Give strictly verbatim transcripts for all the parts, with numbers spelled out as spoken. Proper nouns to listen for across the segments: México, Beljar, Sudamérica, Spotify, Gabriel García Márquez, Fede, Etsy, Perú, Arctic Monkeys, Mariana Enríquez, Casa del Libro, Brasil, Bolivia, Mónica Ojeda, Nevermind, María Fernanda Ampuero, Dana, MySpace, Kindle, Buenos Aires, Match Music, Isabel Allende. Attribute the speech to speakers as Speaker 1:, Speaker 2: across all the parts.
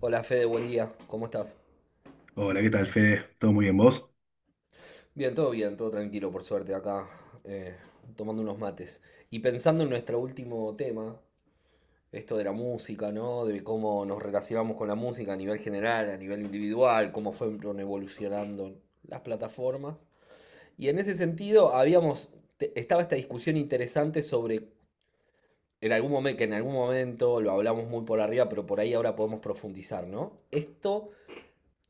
Speaker 1: Hola Fede, buen día, ¿cómo estás?
Speaker 2: Hola, ¿qué tal, Fede? ¿Todo muy bien, vos?
Speaker 1: Bien, todo bien, todo tranquilo, por suerte, acá eh, tomando unos mates. Y pensando en nuestro último tema, esto de la música, ¿no? De cómo nos relacionamos con la música a nivel general, a nivel individual, cómo fueron evolucionando las plataformas. Y en ese sentido, habíamos, te- estaba esta discusión interesante sobre, en algún momento, que en algún momento lo hablamos muy por arriba, pero por ahí ahora podemos profundizar, ¿no? Esto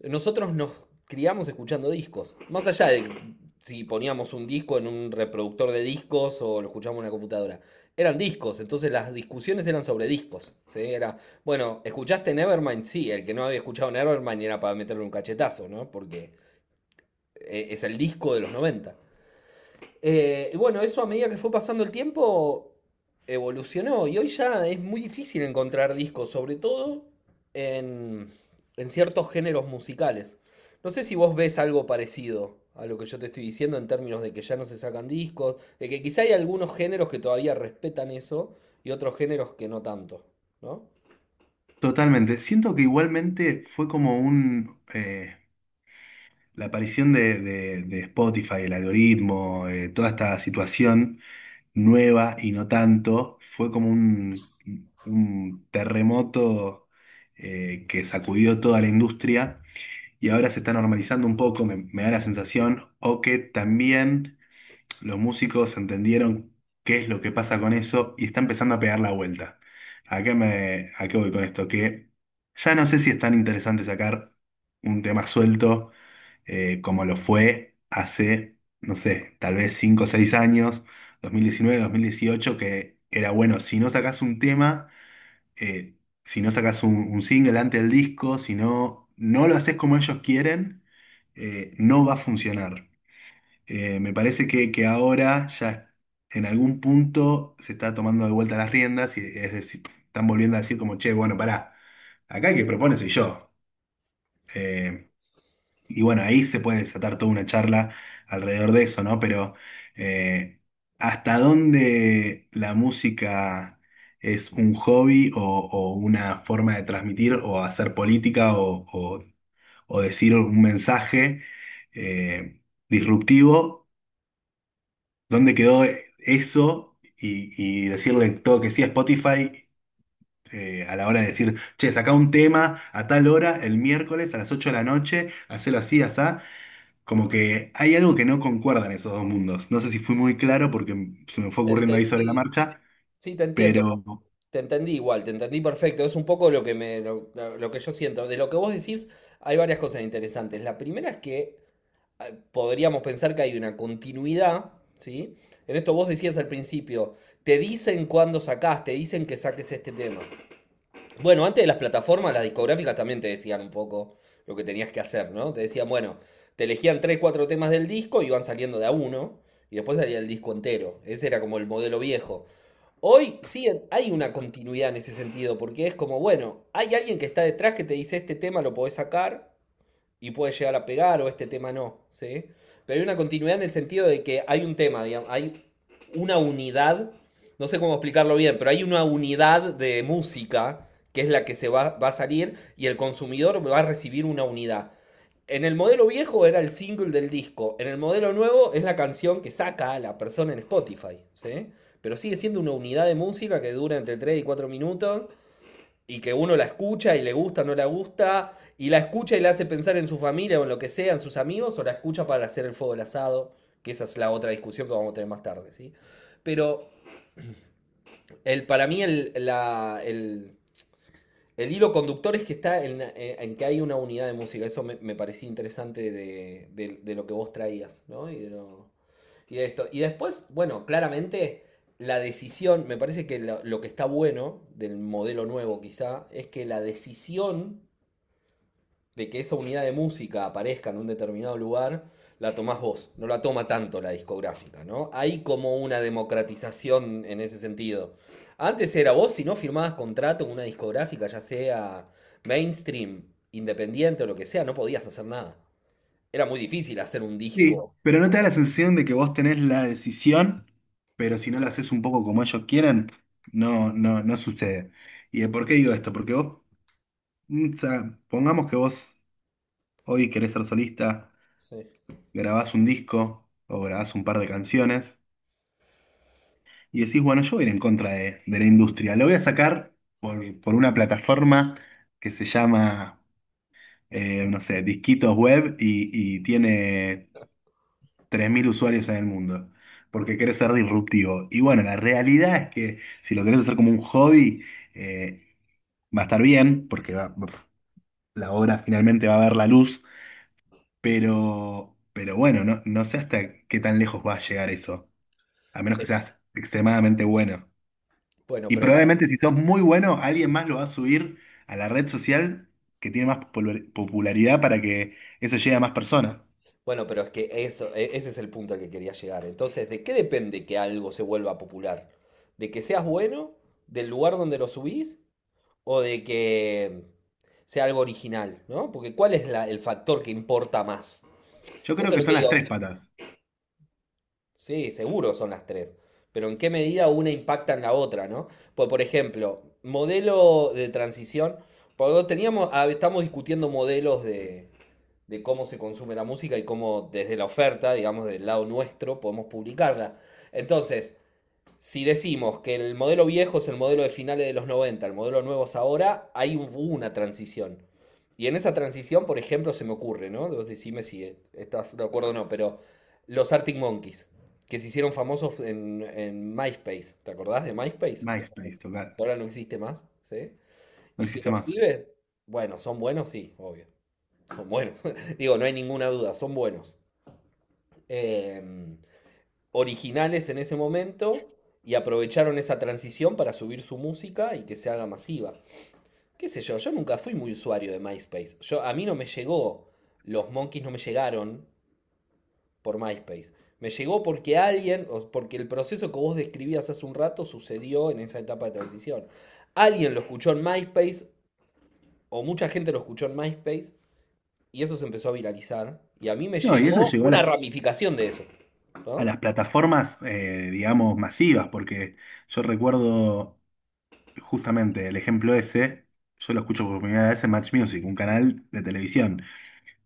Speaker 1: Nosotros nos criamos escuchando discos. Más allá de si poníamos un disco en un reproductor de discos o lo escuchábamos en una computadora. Eran discos, entonces las discusiones eran sobre discos. ¿Sí? Era, bueno, ¿escuchaste Nevermind? Sí, el que no había escuchado Nevermind era para meterle un cachetazo, ¿no? Porque eh, es el disco de los noventa. Eh, y bueno, eso a medida que fue pasando el tiempo evolucionó y hoy ya es muy difícil encontrar discos, sobre todo en, en ciertos géneros musicales. No sé si vos ves algo parecido a lo que yo te estoy diciendo en términos de que ya no se sacan discos, de que quizá hay algunos géneros que todavía respetan eso y otros géneros que no tanto, ¿no?
Speaker 2: Totalmente. Siento que igualmente fue como un eh, la aparición de, de- de Spotify, el algoritmo, eh, toda esta situación nueva y no tanto, fue como un, un terremoto eh, que sacudió toda la industria, y ahora se está normalizando un poco, me, me da la sensación, o que también los músicos entendieron qué es lo que pasa con eso y está empezando a pegar la vuelta. ¿A qué me, a qué voy con esto? Que ya no sé si es tan interesante sacar un tema suelto, eh, como lo fue hace, no sé, tal vez cinco o seis años, dos mil diecinueve, dos mil dieciocho, que era bueno, si no sacás un tema, eh, si no sacás un, un single antes del disco, si no, no lo haces como ellos quieren, eh, no va a funcionar. Eh, me parece que, que ahora ya en algún punto se está tomando de vuelta las riendas, y es decir, están volviendo a decir como, che, bueno, pará, acá el que propone soy yo. Eh, y bueno, ahí se puede desatar toda una charla alrededor de eso, ¿no? Pero eh, ¿hasta dónde la música es un hobby o, o una forma de transmitir o hacer política o, o- o decir un mensaje eh, disruptivo? ¿Dónde quedó eso y, y decirle todo que sí a Spotify, eh, a la hora de decir, che, saca un tema a tal hora, el miércoles a las ocho de la noche, hacelo así, asá? Como que hay algo que no concuerda en esos dos mundos. No sé si fui muy claro porque se me fue ocurriendo
Speaker 1: Ente-
Speaker 2: ahí sobre la
Speaker 1: sí,
Speaker 2: marcha,
Speaker 1: sí, te entiendo.
Speaker 2: pero
Speaker 1: po- Te entendí igual, te entendí perfecto. Es un poco lo que me, lo, lo- lo que yo siento. De lo que vos decís, hay varias cosas interesantes. La primera es que eh, podríamos pensar que hay una continuidad, ¿sí? En esto vos decías al principio, te dicen cuándo sacás, te dicen que saques este tema. Bueno, antes de las plataformas, las discográficas también te decían un poco lo que tenías que hacer, ¿no? Te decían, bueno, te elegían tres, cuatro temas del disco y iban saliendo de a uno, y después salía el disco entero. Ese era como el modelo viejo. Hoy sí hay una continuidad en ese sentido, porque es como, bueno, hay alguien que está detrás que te dice este tema lo podés sacar y puede llegar a pegar o este tema no, ¿sí? Pero hay una continuidad en el sentido de que hay un tema, digamos, hay una unidad, no sé cómo explicarlo bien, pero hay una unidad de música que es la que se va, va a salir y el consumidor va a recibir una unidad. En el modelo viejo era el single del disco. En el modelo nuevo es la canción que saca la persona en Spotify. ¿Sí? Pero sigue siendo una unidad de música que dura entre tres y cuatro minutos y que uno la escucha y le gusta, no la gusta, y la escucha y la hace pensar en su familia o en lo que sea, en sus amigos, o la escucha para hacer el fuego del asado, que esa es la otra discusión que vamos a tener más tarde. ¿Sí? Pero el, para mí el, la, el el hilo conductor es que está en, eh, en que hay una unidad de música. Eso me, me parecía interesante de, de- de lo que vos traías, ¿no? Y de, lo- y de esto. Y después, bueno, claramente la decisión, me parece que lo, lo que está bueno del modelo nuevo quizá, es que la decisión de que esa unidad de música aparezca en un determinado lugar, la tomás vos, no la toma tanto la discográfica, ¿no? Hay como una democratización en ese sentido. Antes era vos, si no firmabas contrato con una discográfica, ya sea mainstream, independiente o lo que sea, no podías hacer nada. Era muy difícil hacer un
Speaker 2: sí,
Speaker 1: disco.
Speaker 2: pero no te da la sensación de que vos tenés la decisión, pero si no la haces un poco como ellos quieren, no, no, no sucede. ¿Y de por qué digo esto? Porque vos, mm, o sea, pongamos que vos hoy querés ser solista,
Speaker 1: Sí.
Speaker 2: grabás un disco o grabás un par de canciones y decís, bueno, yo voy a ir en contra de, de la industria. Lo voy a sacar por, por una plataforma que se llama, eh, no sé, Disquitos Web, y, y tiene tres mil usuarios en el mundo, porque querés ser disruptivo. Y bueno, la realidad es que si lo querés hacer como un hobby, eh, va a estar bien, porque va- la obra finalmente va a ver la luz. Pero, pero bueno, no, no sé hasta qué tan lejos va a llegar eso, a menos que seas extremadamente bueno.
Speaker 1: Bueno,
Speaker 2: Y
Speaker 1: pero para.
Speaker 2: probablemente si sos muy bueno, alguien más lo va a subir a la red social que tiene más popul- popularidad para que eso llegue a más personas.
Speaker 1: Bueno, pero es que eso, e- ese es el punto al que quería llegar. Entonces, ¿de qué depende que algo se vuelva popular? ¿De que seas bueno? ¿Del lugar donde lo subís? ¿O de que sea algo original? ¿No? Porque ¿cuál es la- el factor que importa más?
Speaker 2: Yo creo
Speaker 1: Eso es
Speaker 2: que
Speaker 1: lo que
Speaker 2: son las tres
Speaker 1: digo.
Speaker 2: patas.
Speaker 1: Sí, seguro son las tres. Pero ¿en qué medida una impacta en la otra? ¿No? Pues, por ejemplo, modelo de transición. Porque teníamos, ah, estamos discutiendo modelos de, de cómo se consume la música y cómo desde la oferta, digamos, del lado nuestro, podemos publicarla. Entonces, si decimos que el modelo viejo es el modelo de finales de los noventa, el modelo nuevo es ahora, hay un- una transición. Y en esa transición, por ejemplo, se me ocurre, ¿no? Vos decime si eh, estás de acuerdo o no, pero los Arctic Monkeys, que se hicieron famosos en, en MySpace, ¿te acordás de MySpace? Que
Speaker 2: MySpace, total.
Speaker 1: ahora no existe más, ¿sí?
Speaker 2: No
Speaker 1: Y que
Speaker 2: existe
Speaker 1: los
Speaker 2: más.
Speaker 1: pibes, bueno, son buenos, sí, obvio. Son buenos. Digo, no hay ninguna duda, son buenos. Eh, Originales en ese momento y aprovecharon esa transición para subir su música y que se haga masiva. ¿Qué sé yo? Yo nunca fui muy usuario de MySpace. Yo, a mí no me llegó, los monkeys no me llegaron por MySpace. Me llegó porque alguien, o porque el proceso que vos describías hace un rato sucedió en esa etapa de transición. Alguien lo escuchó en MySpace, o mucha gente lo escuchó en MySpace, y eso se empezó a viralizar. Y a mí me
Speaker 2: No, y eso
Speaker 1: llegó
Speaker 2: llegó a
Speaker 1: una
Speaker 2: las,
Speaker 1: ramificación de eso.
Speaker 2: a
Speaker 1: ¿No?
Speaker 2: las plataformas, eh, digamos, masivas, porque yo recuerdo justamente el ejemplo ese, yo lo escucho por primera vez en Match Music, un canal de televisión.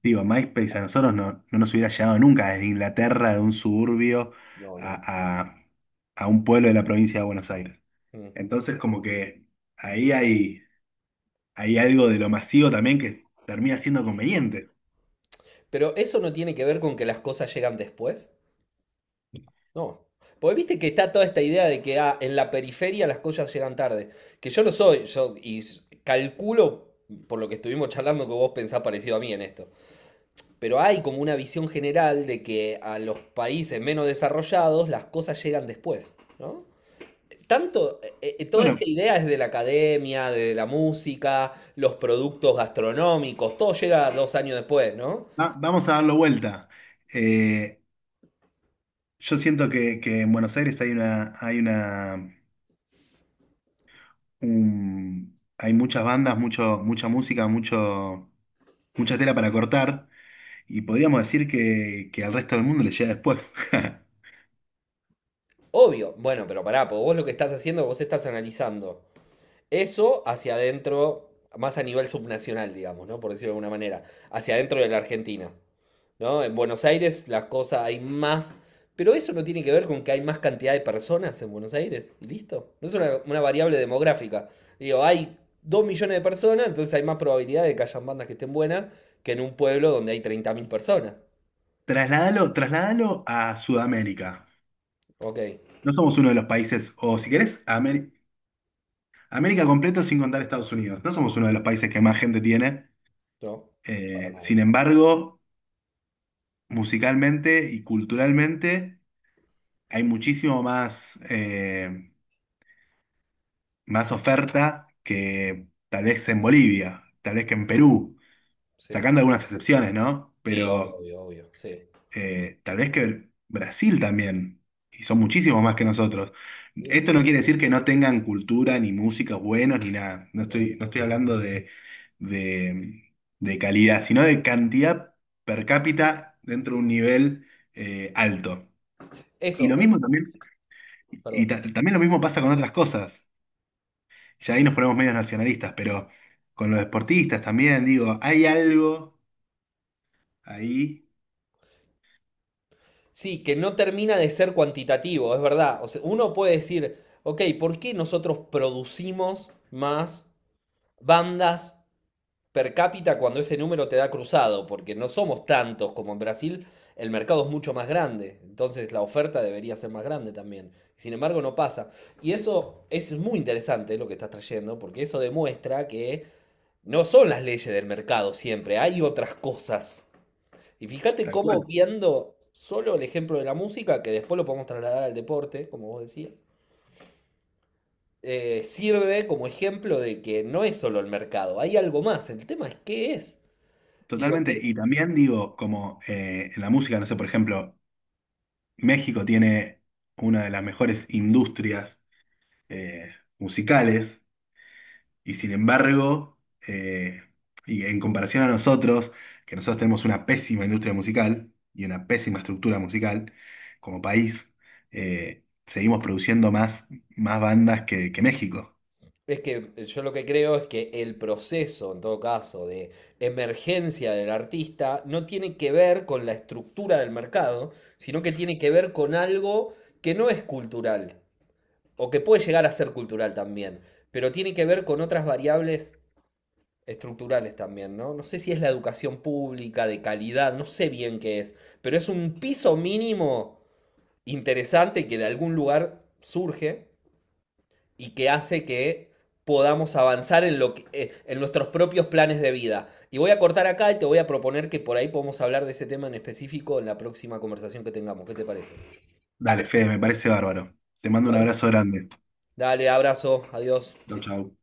Speaker 2: Digo, MySpace a nosotros no, no nos hubiera llegado nunca desde Inglaterra, de un suburbio
Speaker 1: No, no.
Speaker 2: a, a- a un pueblo de la provincia de Buenos Aires.
Speaker 1: Mm.
Speaker 2: Entonces, como que ahí hay, hay algo de lo masivo también que termina siendo conveniente.
Speaker 1: Pero eso no tiene que ver con que las cosas llegan después. No. Porque viste que está toda esta idea de que ah, en la periferia las cosas llegan tarde. Que yo lo soy, yo y s- calculo, por lo que estuvimos charlando, que vos pensás parecido a mí en esto. Pero hay como una visión general de que a los países menos desarrollados las cosas llegan después, ¿no? Tanto, eh, eh, toda
Speaker 2: Bueno,
Speaker 1: esta idea es de la academia, de la música, los productos gastronómicos, todo llega dos años después, ¿no?
Speaker 2: va- vamos a darlo vuelta. Eh, yo siento que, que en Buenos Aires hay una, hay una, un- hay muchas bandas, mucho, mucha música, mucho, mucha tela para cortar. Y podríamos decir que, que al resto del mundo le llega después.
Speaker 1: Obvio, bueno, pero pará, porque vos lo que estás haciendo, vos estás analizando eso hacia adentro, más a nivel subnacional, digamos, ¿no? Por decirlo de alguna manera, hacia adentro de la Argentina. ¿No? En Buenos Aires las cosas hay más, pero eso no tiene que ver con que hay más cantidad de personas en Buenos Aires, y listo. No es una, una variable demográfica. Digo, hay dos millones de personas, entonces hay más probabilidad de que hayan bandas que estén buenas que en un pueblo donde hay treinta mil personas.
Speaker 2: Trasládalo, trasládalo a Sudamérica.
Speaker 1: Ok,
Speaker 2: No somos uno de los países, o si querés, a Ameri- América completo sin contar Estados Unidos. No somos uno de los países que más gente tiene.
Speaker 1: no, para
Speaker 2: Eh,
Speaker 1: nada.
Speaker 2: sin embargo, musicalmente y culturalmente hay muchísimo más, eh, más oferta que tal vez en Bolivia, tal vez que en Perú,
Speaker 1: Sí,
Speaker 2: sacando algunas excepciones, ¿no?
Speaker 1: sí, obvio,
Speaker 2: Pero
Speaker 1: obvio, obvio, sí.
Speaker 2: eh, tal vez que Brasil también, y son muchísimos más que nosotros.
Speaker 1: Sí,
Speaker 2: Esto no quiere decir que no tengan cultura, ni música buenos, ni nada. No
Speaker 1: no, no,
Speaker 2: estoy, no
Speaker 1: no.
Speaker 2: estoy hablando de, de, de calidad, sino de cantidad per cápita dentro de un nivel eh, alto. Y
Speaker 1: Eso,
Speaker 2: lo mismo
Speaker 1: es,
Speaker 2: también, y
Speaker 1: perdón.
Speaker 2: ta- también lo mismo pasa con otras cosas. Ya ahí nos ponemos medios nacionalistas, pero con los deportistas también, digo, hay algo ahí,
Speaker 1: Sí, que no termina de ser cuantitativo, es verdad. O sea, uno puede decir, ok, ¿por qué nosotros producimos más bandas per cápita cuando ese número te da cruzado, porque no somos tantos como en Brasil, el mercado es mucho más grande, entonces la oferta debería ser más grande también. Sin embargo, no pasa. Y eso es muy interesante lo que estás trayendo, porque eso demuestra que no son las leyes del mercado siempre, hay otras cosas. Y fíjate
Speaker 2: tal
Speaker 1: cómo
Speaker 2: cual.
Speaker 1: viendo solo el ejemplo de la música, que después lo podemos trasladar al deporte, como vos decías, eh, sirve como ejemplo de que no es solo el mercado, hay algo más. El tema es qué es. Digo,
Speaker 2: Totalmente.
Speaker 1: ¿qué?
Speaker 2: Y también digo, como eh, en la música, no sé, por ejemplo, México tiene una de las mejores industrias, eh, musicales, y sin embargo, eh, y en comparación a nosotros, que nosotros tenemos una pésima industria musical y una pésima estructura musical como país, eh, seguimos produciendo más, más bandas que, que México.
Speaker 1: Es que eh, yo lo que creo es que el proceso, en todo caso, de emergencia del artista no tiene que ver con la estructura del mercado, sino que tiene que ver con algo que no es cultural, o que puede llegar a ser cultural también, pero tiene que ver con otras variables estructurales también, ¿no? No sé si es la educación pública, de calidad, no sé bien qué es, pero es un piso mínimo interesante que de algún lugar surge y que hace que podamos avanzar en, lo que- eh, en nuestros propios planes de vida. Y voy a cortar acá y te voy a proponer que por ahí podemos hablar de ese tema en específico en la próxima conversación que tengamos. ¿Qué te parece?
Speaker 2: Dale, Fede, me parece bárbaro. Te mando un
Speaker 1: Bueno,
Speaker 2: abrazo grande.
Speaker 1: dale, abrazo, adiós.
Speaker 2: Chau, chau.